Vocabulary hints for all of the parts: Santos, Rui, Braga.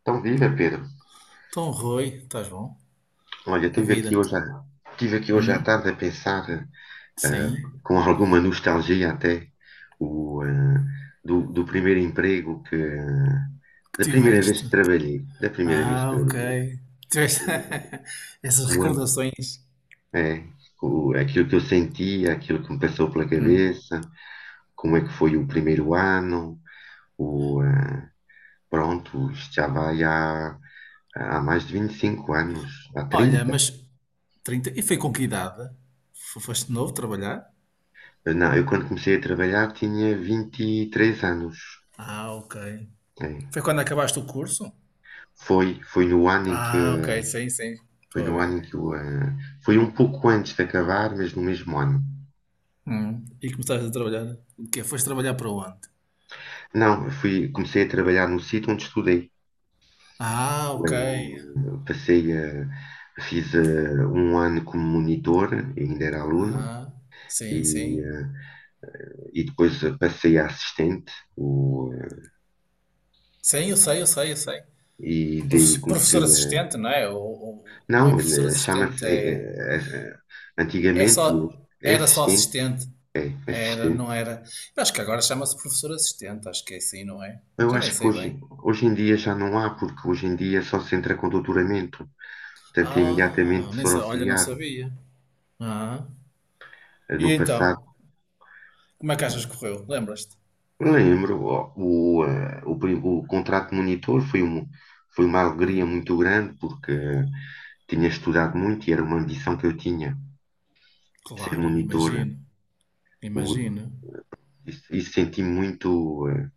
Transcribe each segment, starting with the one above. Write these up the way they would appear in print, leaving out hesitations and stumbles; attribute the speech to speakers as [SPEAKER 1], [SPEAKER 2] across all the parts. [SPEAKER 1] Então, viva, Pedro.
[SPEAKER 2] Então, Rui, estás bom?
[SPEAKER 1] Olha,
[SPEAKER 2] A
[SPEAKER 1] tive
[SPEAKER 2] vida.
[SPEAKER 1] aqui hoje, tive aqui hoje à
[SPEAKER 2] Hum?
[SPEAKER 1] tarde a pensar, eh,
[SPEAKER 2] Sim?
[SPEAKER 1] com alguma nostalgia até, o, eh, do, primeiro emprego que,
[SPEAKER 2] Que
[SPEAKER 1] da primeira vez
[SPEAKER 2] tiveste?
[SPEAKER 1] que trabalhei, da primeira vez que
[SPEAKER 2] Ah, ok.
[SPEAKER 1] trabalhei.
[SPEAKER 2] Tiveste
[SPEAKER 1] O-
[SPEAKER 2] essas
[SPEAKER 1] Como é?
[SPEAKER 2] recordações.
[SPEAKER 1] É, aquilo que eu sentia, aquilo que me passou pela
[SPEAKER 2] Hum.
[SPEAKER 1] cabeça, como é que foi o primeiro ano, o, ah, pronto, isto já vai há mais de 25 anos, há
[SPEAKER 2] Olha,
[SPEAKER 1] 30?
[SPEAKER 2] mas trinta e foi com que idade? Foste de novo trabalhar?
[SPEAKER 1] Não, eu quando comecei a trabalhar tinha 23 anos.
[SPEAKER 2] Ah, ok.
[SPEAKER 1] É,
[SPEAKER 2] Foi quando acabaste o curso?
[SPEAKER 1] Foi no ano em que,
[SPEAKER 2] Ah, ok, sim, sim.
[SPEAKER 1] foi
[SPEAKER 2] Estou a
[SPEAKER 1] no ano em
[SPEAKER 2] ver.
[SPEAKER 1] que, eu, ah, foi um pouco antes de acabar, mas no mesmo ano.
[SPEAKER 2] Hum. E começaste a trabalhar? O quê? Foste trabalhar para onde?
[SPEAKER 1] Não, comecei a trabalhar no sítio onde estudei.
[SPEAKER 2] Ah, ok.
[SPEAKER 1] Bem, eu passei a, fiz um ano como monitor, ainda era aluno,
[SPEAKER 2] Ah, sim,
[SPEAKER 1] e,
[SPEAKER 2] sim.
[SPEAKER 1] e depois passei a assistente,
[SPEAKER 2] Sim, eu sei, eu sei, eu sei.
[SPEAKER 1] e daí
[SPEAKER 2] Professor
[SPEAKER 1] comecei a.
[SPEAKER 2] assistente, não é? Não é
[SPEAKER 1] Não,
[SPEAKER 2] professor
[SPEAKER 1] chama-se.
[SPEAKER 2] assistente, é, é
[SPEAKER 1] Antigamente
[SPEAKER 2] só,
[SPEAKER 1] é
[SPEAKER 2] era só
[SPEAKER 1] assistente,
[SPEAKER 2] assistente,
[SPEAKER 1] é
[SPEAKER 2] era, não
[SPEAKER 1] assistente.
[SPEAKER 2] era. Eu acho que agora chama-se professor assistente, acho que é assim, não é?
[SPEAKER 1] Eu
[SPEAKER 2] Já nem
[SPEAKER 1] acho que
[SPEAKER 2] sei bem.
[SPEAKER 1] hoje, hoje em dia já não há, porque hoje em dia só se entra com doutoramento, portanto, é imediatamente
[SPEAKER 2] Ah, nem
[SPEAKER 1] professor
[SPEAKER 2] sei, olha, não
[SPEAKER 1] auxiliar.
[SPEAKER 2] sabia. Ah, e
[SPEAKER 1] No passado,
[SPEAKER 2] então? Como é que achas que correu? Lembras-te?
[SPEAKER 1] eu lembro. Ó, o, eh, o, prim- O contrato de monitor foi uma alegria
[SPEAKER 2] Hum,
[SPEAKER 1] muito grande porque tinha estudado muito e era uma ambição que eu tinha, de ser
[SPEAKER 2] claro,
[SPEAKER 1] monitor
[SPEAKER 2] imagino, imagino.
[SPEAKER 1] e senti muito, eh,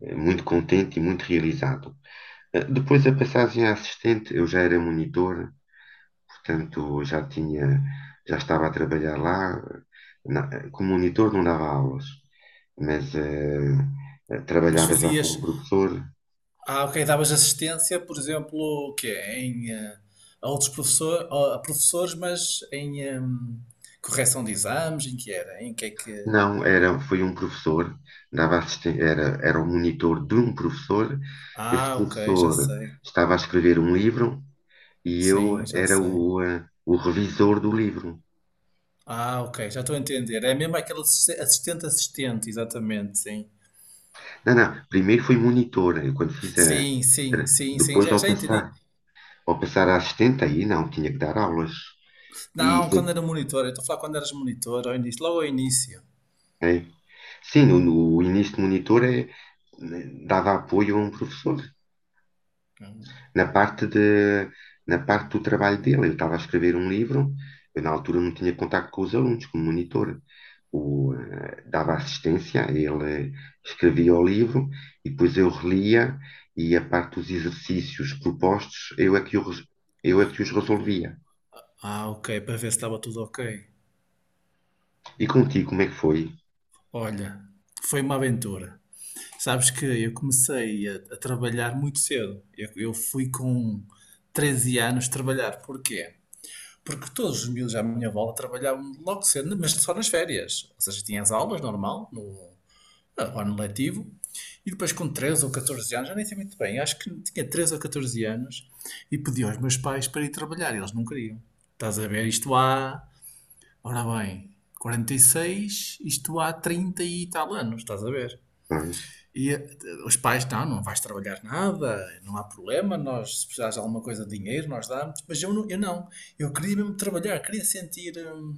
[SPEAKER 1] eh, muito contente e muito realizado. Depois a passagem a assistente, eu já era monitor, portanto já estava a trabalhar lá. Como monitor não dava aulas, mas
[SPEAKER 2] Mas
[SPEAKER 1] trabalhava já como
[SPEAKER 2] fazias,
[SPEAKER 1] professor.
[SPEAKER 2] ah, ok, davas assistência, por exemplo, o quê? Em, a outros professor, a professores, mas em correção de exames, em que era? Em que é que.
[SPEAKER 1] Não, foi um professor, era o monitor de um professor. Esse
[SPEAKER 2] Ah, ok, já
[SPEAKER 1] professor
[SPEAKER 2] sei.
[SPEAKER 1] estava a escrever um livro e eu
[SPEAKER 2] Sim, já
[SPEAKER 1] era
[SPEAKER 2] sei.
[SPEAKER 1] o revisor do livro.
[SPEAKER 2] Ah, ok, já estou a entender. É mesmo aquele assistente-assistente, exatamente, sim.
[SPEAKER 1] Não, não, primeiro fui monitor, eu quando fiz a,
[SPEAKER 2] Sim, sim,
[SPEAKER 1] tra-
[SPEAKER 2] sim, sim,
[SPEAKER 1] depois
[SPEAKER 2] já,
[SPEAKER 1] ao
[SPEAKER 2] já entendi.
[SPEAKER 1] passar, ao passar a assistente, aí não, tinha que dar aulas. E,
[SPEAKER 2] Não, quando era monitor, eu estou a falar quando eras monitor, ao início, logo ao início.
[SPEAKER 1] eh, sim, no início de monitor dava apoio a um professor. Na parte de, na parte do trabalho dele, ele estava a escrever um livro, eu na altura não tinha contacto com os alunos, como monitor. Dava assistência, ele escrevia o livro e depois eu relia e a parte dos exercícios propostos, eu é que os resolvia.
[SPEAKER 2] Ah, ok, para ver se estava tudo ok.
[SPEAKER 1] E contigo, como é que foi?
[SPEAKER 2] Olha, foi uma aventura. Sabes que eu comecei a trabalhar muito cedo. Eu fui com 13 anos trabalhar. Porquê? Porque todos os miúdos à minha volta trabalhavam logo cedo, mas só nas férias. Ou seja, tinha as aulas normal, no ano letivo. E depois com 13 ou 14 anos, já nem sei muito bem, acho que tinha 13 ou 14 anos, e pedi aos meus pais para ir trabalhar. Eles não queriam. Estás a ver? Isto há, ora bem, 46, isto há 30 e tal anos, estás a ver?
[SPEAKER 1] Pois,
[SPEAKER 2] E eh, os pais, não, não vais trabalhar nada, não há problema, nós, se precisares de alguma coisa de dinheiro, nós damos. Mas eu não, eu não. Eu queria mesmo trabalhar, queria sentir,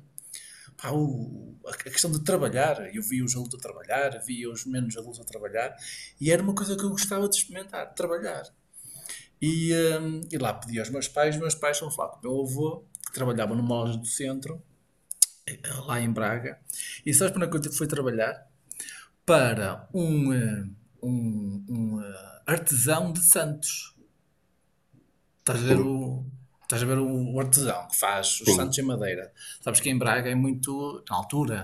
[SPEAKER 2] pá, a questão de trabalhar. Eu via os adultos a trabalhar, via os menos adultos a trabalhar, e era uma coisa que eu gostava de experimentar, trabalhar. E, e lá pedi aos meus pais foram falar com o meu avô, que trabalhava numa loja do centro, eh, lá em Braga. E sabes para onde é que eu fui trabalhar? Para um artesão de Santos. Estás a ver o.
[SPEAKER 1] sim,
[SPEAKER 2] Estás a ver o artesão que faz os santos
[SPEAKER 1] sim.
[SPEAKER 2] em madeira. Sabes que em Braga é muito, na altura,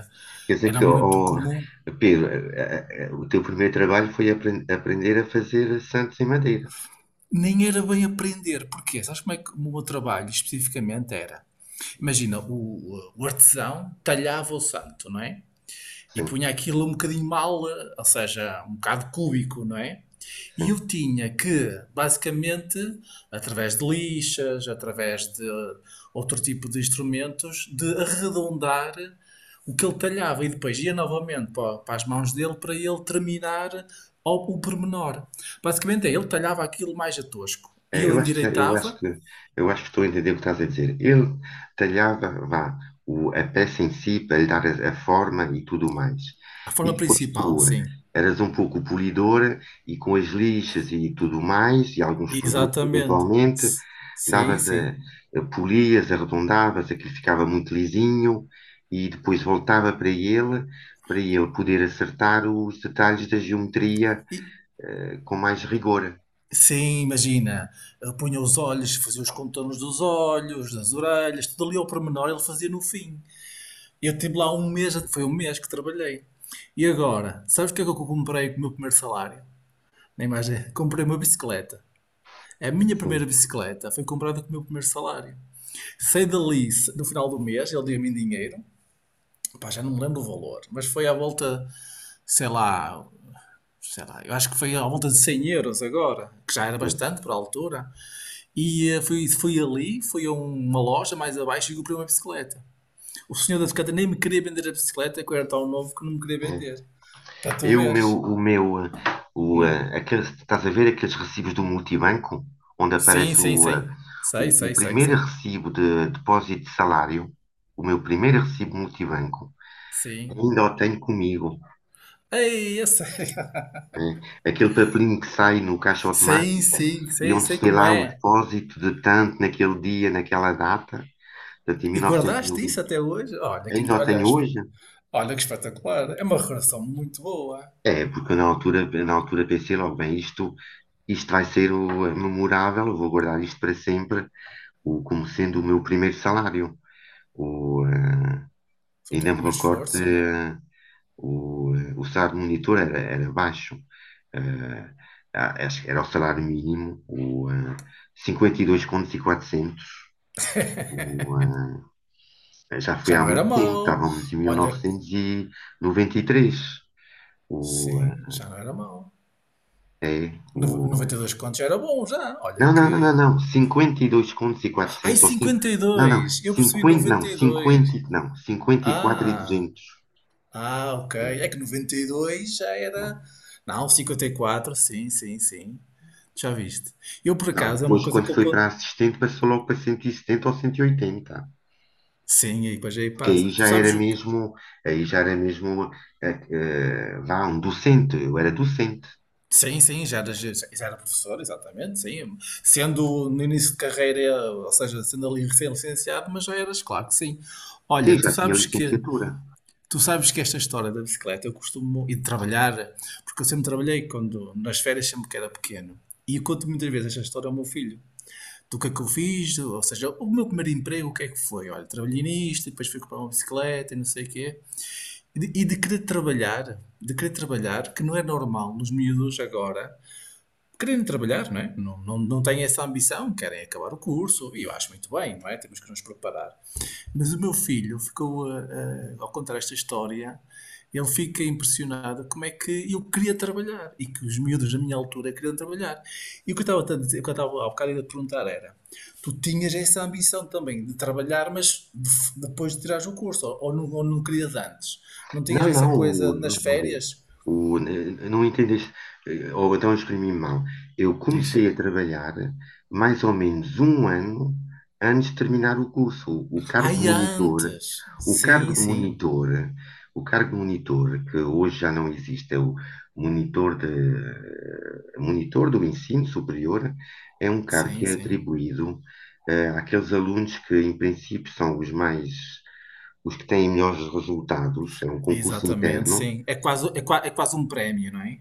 [SPEAKER 1] Quer dizer
[SPEAKER 2] era
[SPEAKER 1] que, ó,
[SPEAKER 2] muito
[SPEAKER 1] ó,
[SPEAKER 2] comum,
[SPEAKER 1] Pedro, o teu primeiro trabalho foi aprender a fazer santos em madeira.
[SPEAKER 2] nem era bem aprender. Porquê? Sabes como é que o meu trabalho especificamente era? Imagina, o artesão talhava o santo, não é? E
[SPEAKER 1] Sim,
[SPEAKER 2] punha aquilo um bocadinho mal, ou seja, um bocado cúbico, não é? E eu
[SPEAKER 1] sim.
[SPEAKER 2] tinha que, basicamente, através de lixas, através de outro tipo de instrumentos, de arredondar o que ele talhava e depois ia novamente para as mãos dele para ele terminar o pormenor. Basicamente é, ele talhava aquilo mais a tosco e
[SPEAKER 1] É,
[SPEAKER 2] eu
[SPEAKER 1] eu acho
[SPEAKER 2] endireitava
[SPEAKER 1] que eu acho que estou a entender o que estás a dizer. Ele talhava, vá, a peça em si para lhe dar a forma e tudo mais.
[SPEAKER 2] a
[SPEAKER 1] E
[SPEAKER 2] forma
[SPEAKER 1] depois
[SPEAKER 2] principal,
[SPEAKER 1] tu
[SPEAKER 2] sim.
[SPEAKER 1] eras um pouco polidora e com as lixas e tudo mais e alguns produtos
[SPEAKER 2] Exatamente.
[SPEAKER 1] eventualmente
[SPEAKER 2] S- Sim,
[SPEAKER 1] davas a,
[SPEAKER 2] sim.
[SPEAKER 1] a polias, arredondavas, aquilo ficava muito lisinho e depois voltava para ele poder acertar os detalhes da geometria com mais rigor.
[SPEAKER 2] Sim, imagina, ele punha os olhos, fazia os contornos dos olhos, das orelhas, tudo ali ao pormenor ele fazia no fim. Eu tive lá um mês, foi um mês que trabalhei. E agora, sabes o que é que eu comprei com o meu primeiro salário? Na imagem comprei uma bicicleta. A minha primeira
[SPEAKER 1] Sim,
[SPEAKER 2] bicicleta foi comprada com o meu primeiro salário. Saí dali, no final do mês, ele deu-me em dinheiro. Pá, já não me lembro o valor, mas foi à volta, sei lá, sei lá, eu acho que foi à volta de 100 euros agora, que já era
[SPEAKER 1] é isso,
[SPEAKER 2] bastante para a altura. Fui foi ali, fui a uma loja mais abaixo e comprei uma bicicleta. O senhor da bicicleta nem me queria vender a bicicleta, que eu era tão novo que não me queria
[SPEAKER 1] é.
[SPEAKER 2] vender. Para tu
[SPEAKER 1] Eu,
[SPEAKER 2] veres.
[SPEAKER 1] o meu, eh,
[SPEAKER 2] Hum.
[SPEAKER 1] estás a ver aqueles recibos do multibanco, onde
[SPEAKER 2] Sim,
[SPEAKER 1] aparece
[SPEAKER 2] sim,
[SPEAKER 1] o, eh,
[SPEAKER 2] sim. Sei,
[SPEAKER 1] o, o
[SPEAKER 2] sei, sei,
[SPEAKER 1] primeiro
[SPEAKER 2] sei.
[SPEAKER 1] recibo de depósito de salário, o meu primeiro recibo multibanco,
[SPEAKER 2] Sim.
[SPEAKER 1] ainda o tenho comigo,
[SPEAKER 2] Ei, eu sei.
[SPEAKER 1] né? Aquele papelinho que sai no caixa
[SPEAKER 2] Sim,
[SPEAKER 1] automática
[SPEAKER 2] sim,
[SPEAKER 1] e
[SPEAKER 2] sei, sei
[SPEAKER 1] onde tem
[SPEAKER 2] como
[SPEAKER 1] lá o
[SPEAKER 2] é.
[SPEAKER 1] depósito de tanto naquele dia, naquela data, portanto, em
[SPEAKER 2] E guardaste
[SPEAKER 1] 1990.
[SPEAKER 2] isso até hoje? Olha que,
[SPEAKER 1] Ainda o
[SPEAKER 2] olha,
[SPEAKER 1] tenho
[SPEAKER 2] es-.
[SPEAKER 1] hoje?
[SPEAKER 2] Olha que espetacular. É uma relação muito boa.
[SPEAKER 1] É, porque eu na altura, pensei logo, bem, isto vai ser é memorável, eu vou guardar isto para sempre, como sendo o meu primeiro salário. O, eh,
[SPEAKER 2] Foi o teu
[SPEAKER 1] Ainda me
[SPEAKER 2] primeiro
[SPEAKER 1] recordo,
[SPEAKER 2] esforço, não é?
[SPEAKER 1] o salário do monitor era baixo, eh, acho que era o salário mínimo, 52.400, o, já foi
[SPEAKER 2] Já
[SPEAKER 1] há
[SPEAKER 2] não era
[SPEAKER 1] muito tempo,
[SPEAKER 2] mau.
[SPEAKER 1] estávamos em mil
[SPEAKER 2] Olha que.
[SPEAKER 1] novecentos e noventa e três O,
[SPEAKER 2] Sim, já não era mau.
[SPEAKER 1] eh, é, o,
[SPEAKER 2] 92 contos era bom já. Olha
[SPEAKER 1] Não,
[SPEAKER 2] que.
[SPEAKER 1] não, não, não, não. 52 contos e
[SPEAKER 2] Ai,
[SPEAKER 1] 400 ou 5.
[SPEAKER 2] cinquenta e
[SPEAKER 1] Não, não.
[SPEAKER 2] dois Eu percebi
[SPEAKER 1] Cinquenta, não.
[SPEAKER 2] noventa e dois
[SPEAKER 1] Não. Cinquenta e
[SPEAKER 2] Ah,
[SPEAKER 1] 200.
[SPEAKER 2] ah, ok.
[SPEAKER 1] É,
[SPEAKER 2] É que 92 já era.
[SPEAKER 1] não.
[SPEAKER 2] Não, 54, sim, sim, sim. Já viste. Eu, por
[SPEAKER 1] Não,
[SPEAKER 2] acaso, é uma
[SPEAKER 1] depois
[SPEAKER 2] coisa
[SPEAKER 1] quando
[SPEAKER 2] que eu
[SPEAKER 1] foi para
[SPEAKER 2] conto.
[SPEAKER 1] assistente passou logo para 170 ou 180.
[SPEAKER 2] Sim, aí, pois aí
[SPEAKER 1] Porque
[SPEAKER 2] passa. Tu sabes o que.
[SPEAKER 1] aí já era mesmo, vá, um docente. Eu era docente.
[SPEAKER 2] Sim, sim, já era, já era professor, exatamente, sim. Sendo no início de carreira, ou seja, sendo ali recém-licenciado, mas já eras, claro que sim. Olha,
[SPEAKER 1] Sim,
[SPEAKER 2] tu
[SPEAKER 1] já tinha
[SPEAKER 2] sabes que
[SPEAKER 1] licenciatura.
[SPEAKER 2] tu sabes que esta história da bicicleta eu costumo ir trabalhar, porque eu sempre trabalhei quando nas férias sempre que era pequeno. E eu conto muitas vezes esta história ao meu filho. Do que é que eu fiz, ou seja, o meu primeiro emprego, o que é que foi? Olha, trabalhei nisto, e depois fui comprar uma bicicleta e não sei o quê. E de querer trabalhar, de querer trabalhar, que não é normal nos miúdos agora, quererem trabalhar, não é? Não, não, não têm essa ambição, querem acabar o curso, e eu acho muito bem, não é? Temos que nos preparar. Mas o meu filho ficou, ao contar esta história, ele fica impressionado como é que eu queria trabalhar e que os miúdos da minha altura queriam trabalhar. E o que eu estava a dizer, o que eu estava há bocado a perguntar era: tu tinhas essa ambição também de trabalhar, mas depois de tirares o curso, ou, não, ou não querias antes? Não tinhas
[SPEAKER 1] Não,
[SPEAKER 2] essa
[SPEAKER 1] não,
[SPEAKER 2] coisa nas
[SPEAKER 1] vamos ver.
[SPEAKER 2] férias?
[SPEAKER 1] Eu não entendeste, ou então eu exprimi mal. Eu
[SPEAKER 2] Diz.
[SPEAKER 1] comecei a trabalhar mais ou menos um ano antes de terminar o curso.
[SPEAKER 2] Ai, antes!
[SPEAKER 1] O cargo
[SPEAKER 2] Sim,
[SPEAKER 1] de
[SPEAKER 2] sim.
[SPEAKER 1] monitor, o cargo de monitor, que hoje já não existe, é o monitor do ensino superior, é um cargo que
[SPEAKER 2] Sim,
[SPEAKER 1] é
[SPEAKER 2] sim.
[SPEAKER 1] atribuído aqueles alunos que, em princípio, são os que têm melhores resultados, é um concurso
[SPEAKER 2] Exatamente,
[SPEAKER 1] interno,
[SPEAKER 2] sim. É quase um prémio, não é?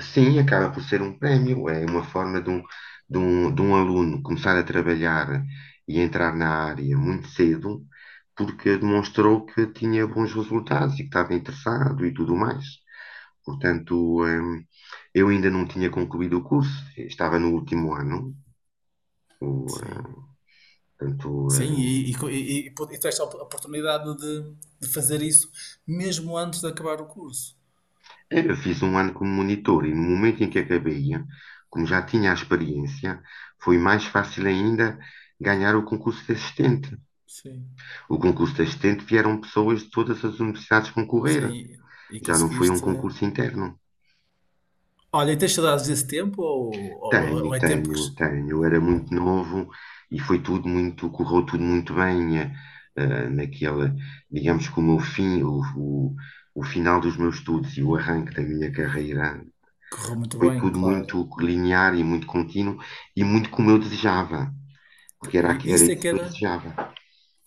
[SPEAKER 1] sim, acaba por ser um prémio, é uma forma de um aluno começar a trabalhar e entrar na área muito cedo, porque demonstrou que tinha bons resultados e que estava interessado e tudo mais. Portanto, eu ainda não tinha concluído o curso, estava no último ano, o,
[SPEAKER 2] Sim.
[SPEAKER 1] eh, portanto,
[SPEAKER 2] Sim, e tens a oportunidade de fazer isso mesmo antes de acabar o curso.
[SPEAKER 1] eu fiz um ano como monitor e no momento em que acabei, como já tinha a experiência, foi mais fácil ainda ganhar o concurso de assistente.
[SPEAKER 2] Sim.
[SPEAKER 1] O concurso de assistente vieram pessoas de todas as universidades concorrer,
[SPEAKER 2] Sim, e
[SPEAKER 1] já não foi um
[SPEAKER 2] conseguiste.
[SPEAKER 1] concurso interno.
[SPEAKER 2] Olha, e tens saudades desse tempo ou, ou
[SPEAKER 1] Tenho,
[SPEAKER 2] é tempo que
[SPEAKER 1] tenho, tenho. Eu era muito novo e foi tudo muito, correu tudo muito bem naquela, digamos que o meu fim, o final dos meus estudos e o arranque da minha carreira.
[SPEAKER 2] correu muito
[SPEAKER 1] Foi
[SPEAKER 2] bem,
[SPEAKER 1] tudo
[SPEAKER 2] claro?
[SPEAKER 1] muito linear e muito contínuo e muito como eu desejava, porque era, era
[SPEAKER 2] Isso é
[SPEAKER 1] isso
[SPEAKER 2] que
[SPEAKER 1] que eu
[SPEAKER 2] era.
[SPEAKER 1] desejava.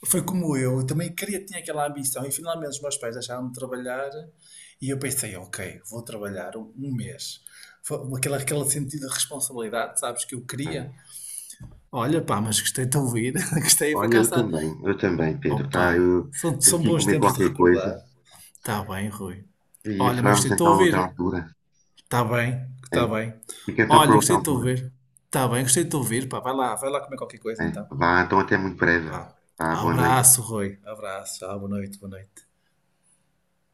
[SPEAKER 2] Foi como eu, também queria, tinha aquela ambição e finalmente os meus pais deixaram me trabalhar e eu pensei, ok, vou trabalhar um mês. Foi aquele sentido de responsabilidade, sabes, que eu
[SPEAKER 1] Né?
[SPEAKER 2] queria. Olha pá, mas gostei de te ouvir, gostei, para
[SPEAKER 1] Olha,
[SPEAKER 2] cá está.
[SPEAKER 1] eu também, Pedro, tá?
[SPEAKER 2] Opa,
[SPEAKER 1] Eu
[SPEAKER 2] são,
[SPEAKER 1] tenho
[SPEAKER 2] são
[SPEAKER 1] que ir
[SPEAKER 2] bons
[SPEAKER 1] comer
[SPEAKER 2] tempos de
[SPEAKER 1] qualquer coisa
[SPEAKER 2] recordar. Está bem, Rui.
[SPEAKER 1] e
[SPEAKER 2] Olha, mas gostei
[SPEAKER 1] falamos
[SPEAKER 2] de te
[SPEAKER 1] então noutra
[SPEAKER 2] ouvir.
[SPEAKER 1] altura,
[SPEAKER 2] Está bem, está
[SPEAKER 1] né?
[SPEAKER 2] bem.
[SPEAKER 1] Fica então por
[SPEAKER 2] Olha,
[SPEAKER 1] outra
[SPEAKER 2] gostei de te
[SPEAKER 1] altura,
[SPEAKER 2] ouvir. Está bem, gostei de te ouvir, pá, vai lá comer qualquer coisa
[SPEAKER 1] né?
[SPEAKER 2] então.
[SPEAKER 1] Vá, então até muito breve,
[SPEAKER 2] Vá.
[SPEAKER 1] tá? Boa noite.
[SPEAKER 2] Abraço, Rui. Abraço, boa noite, boa noite.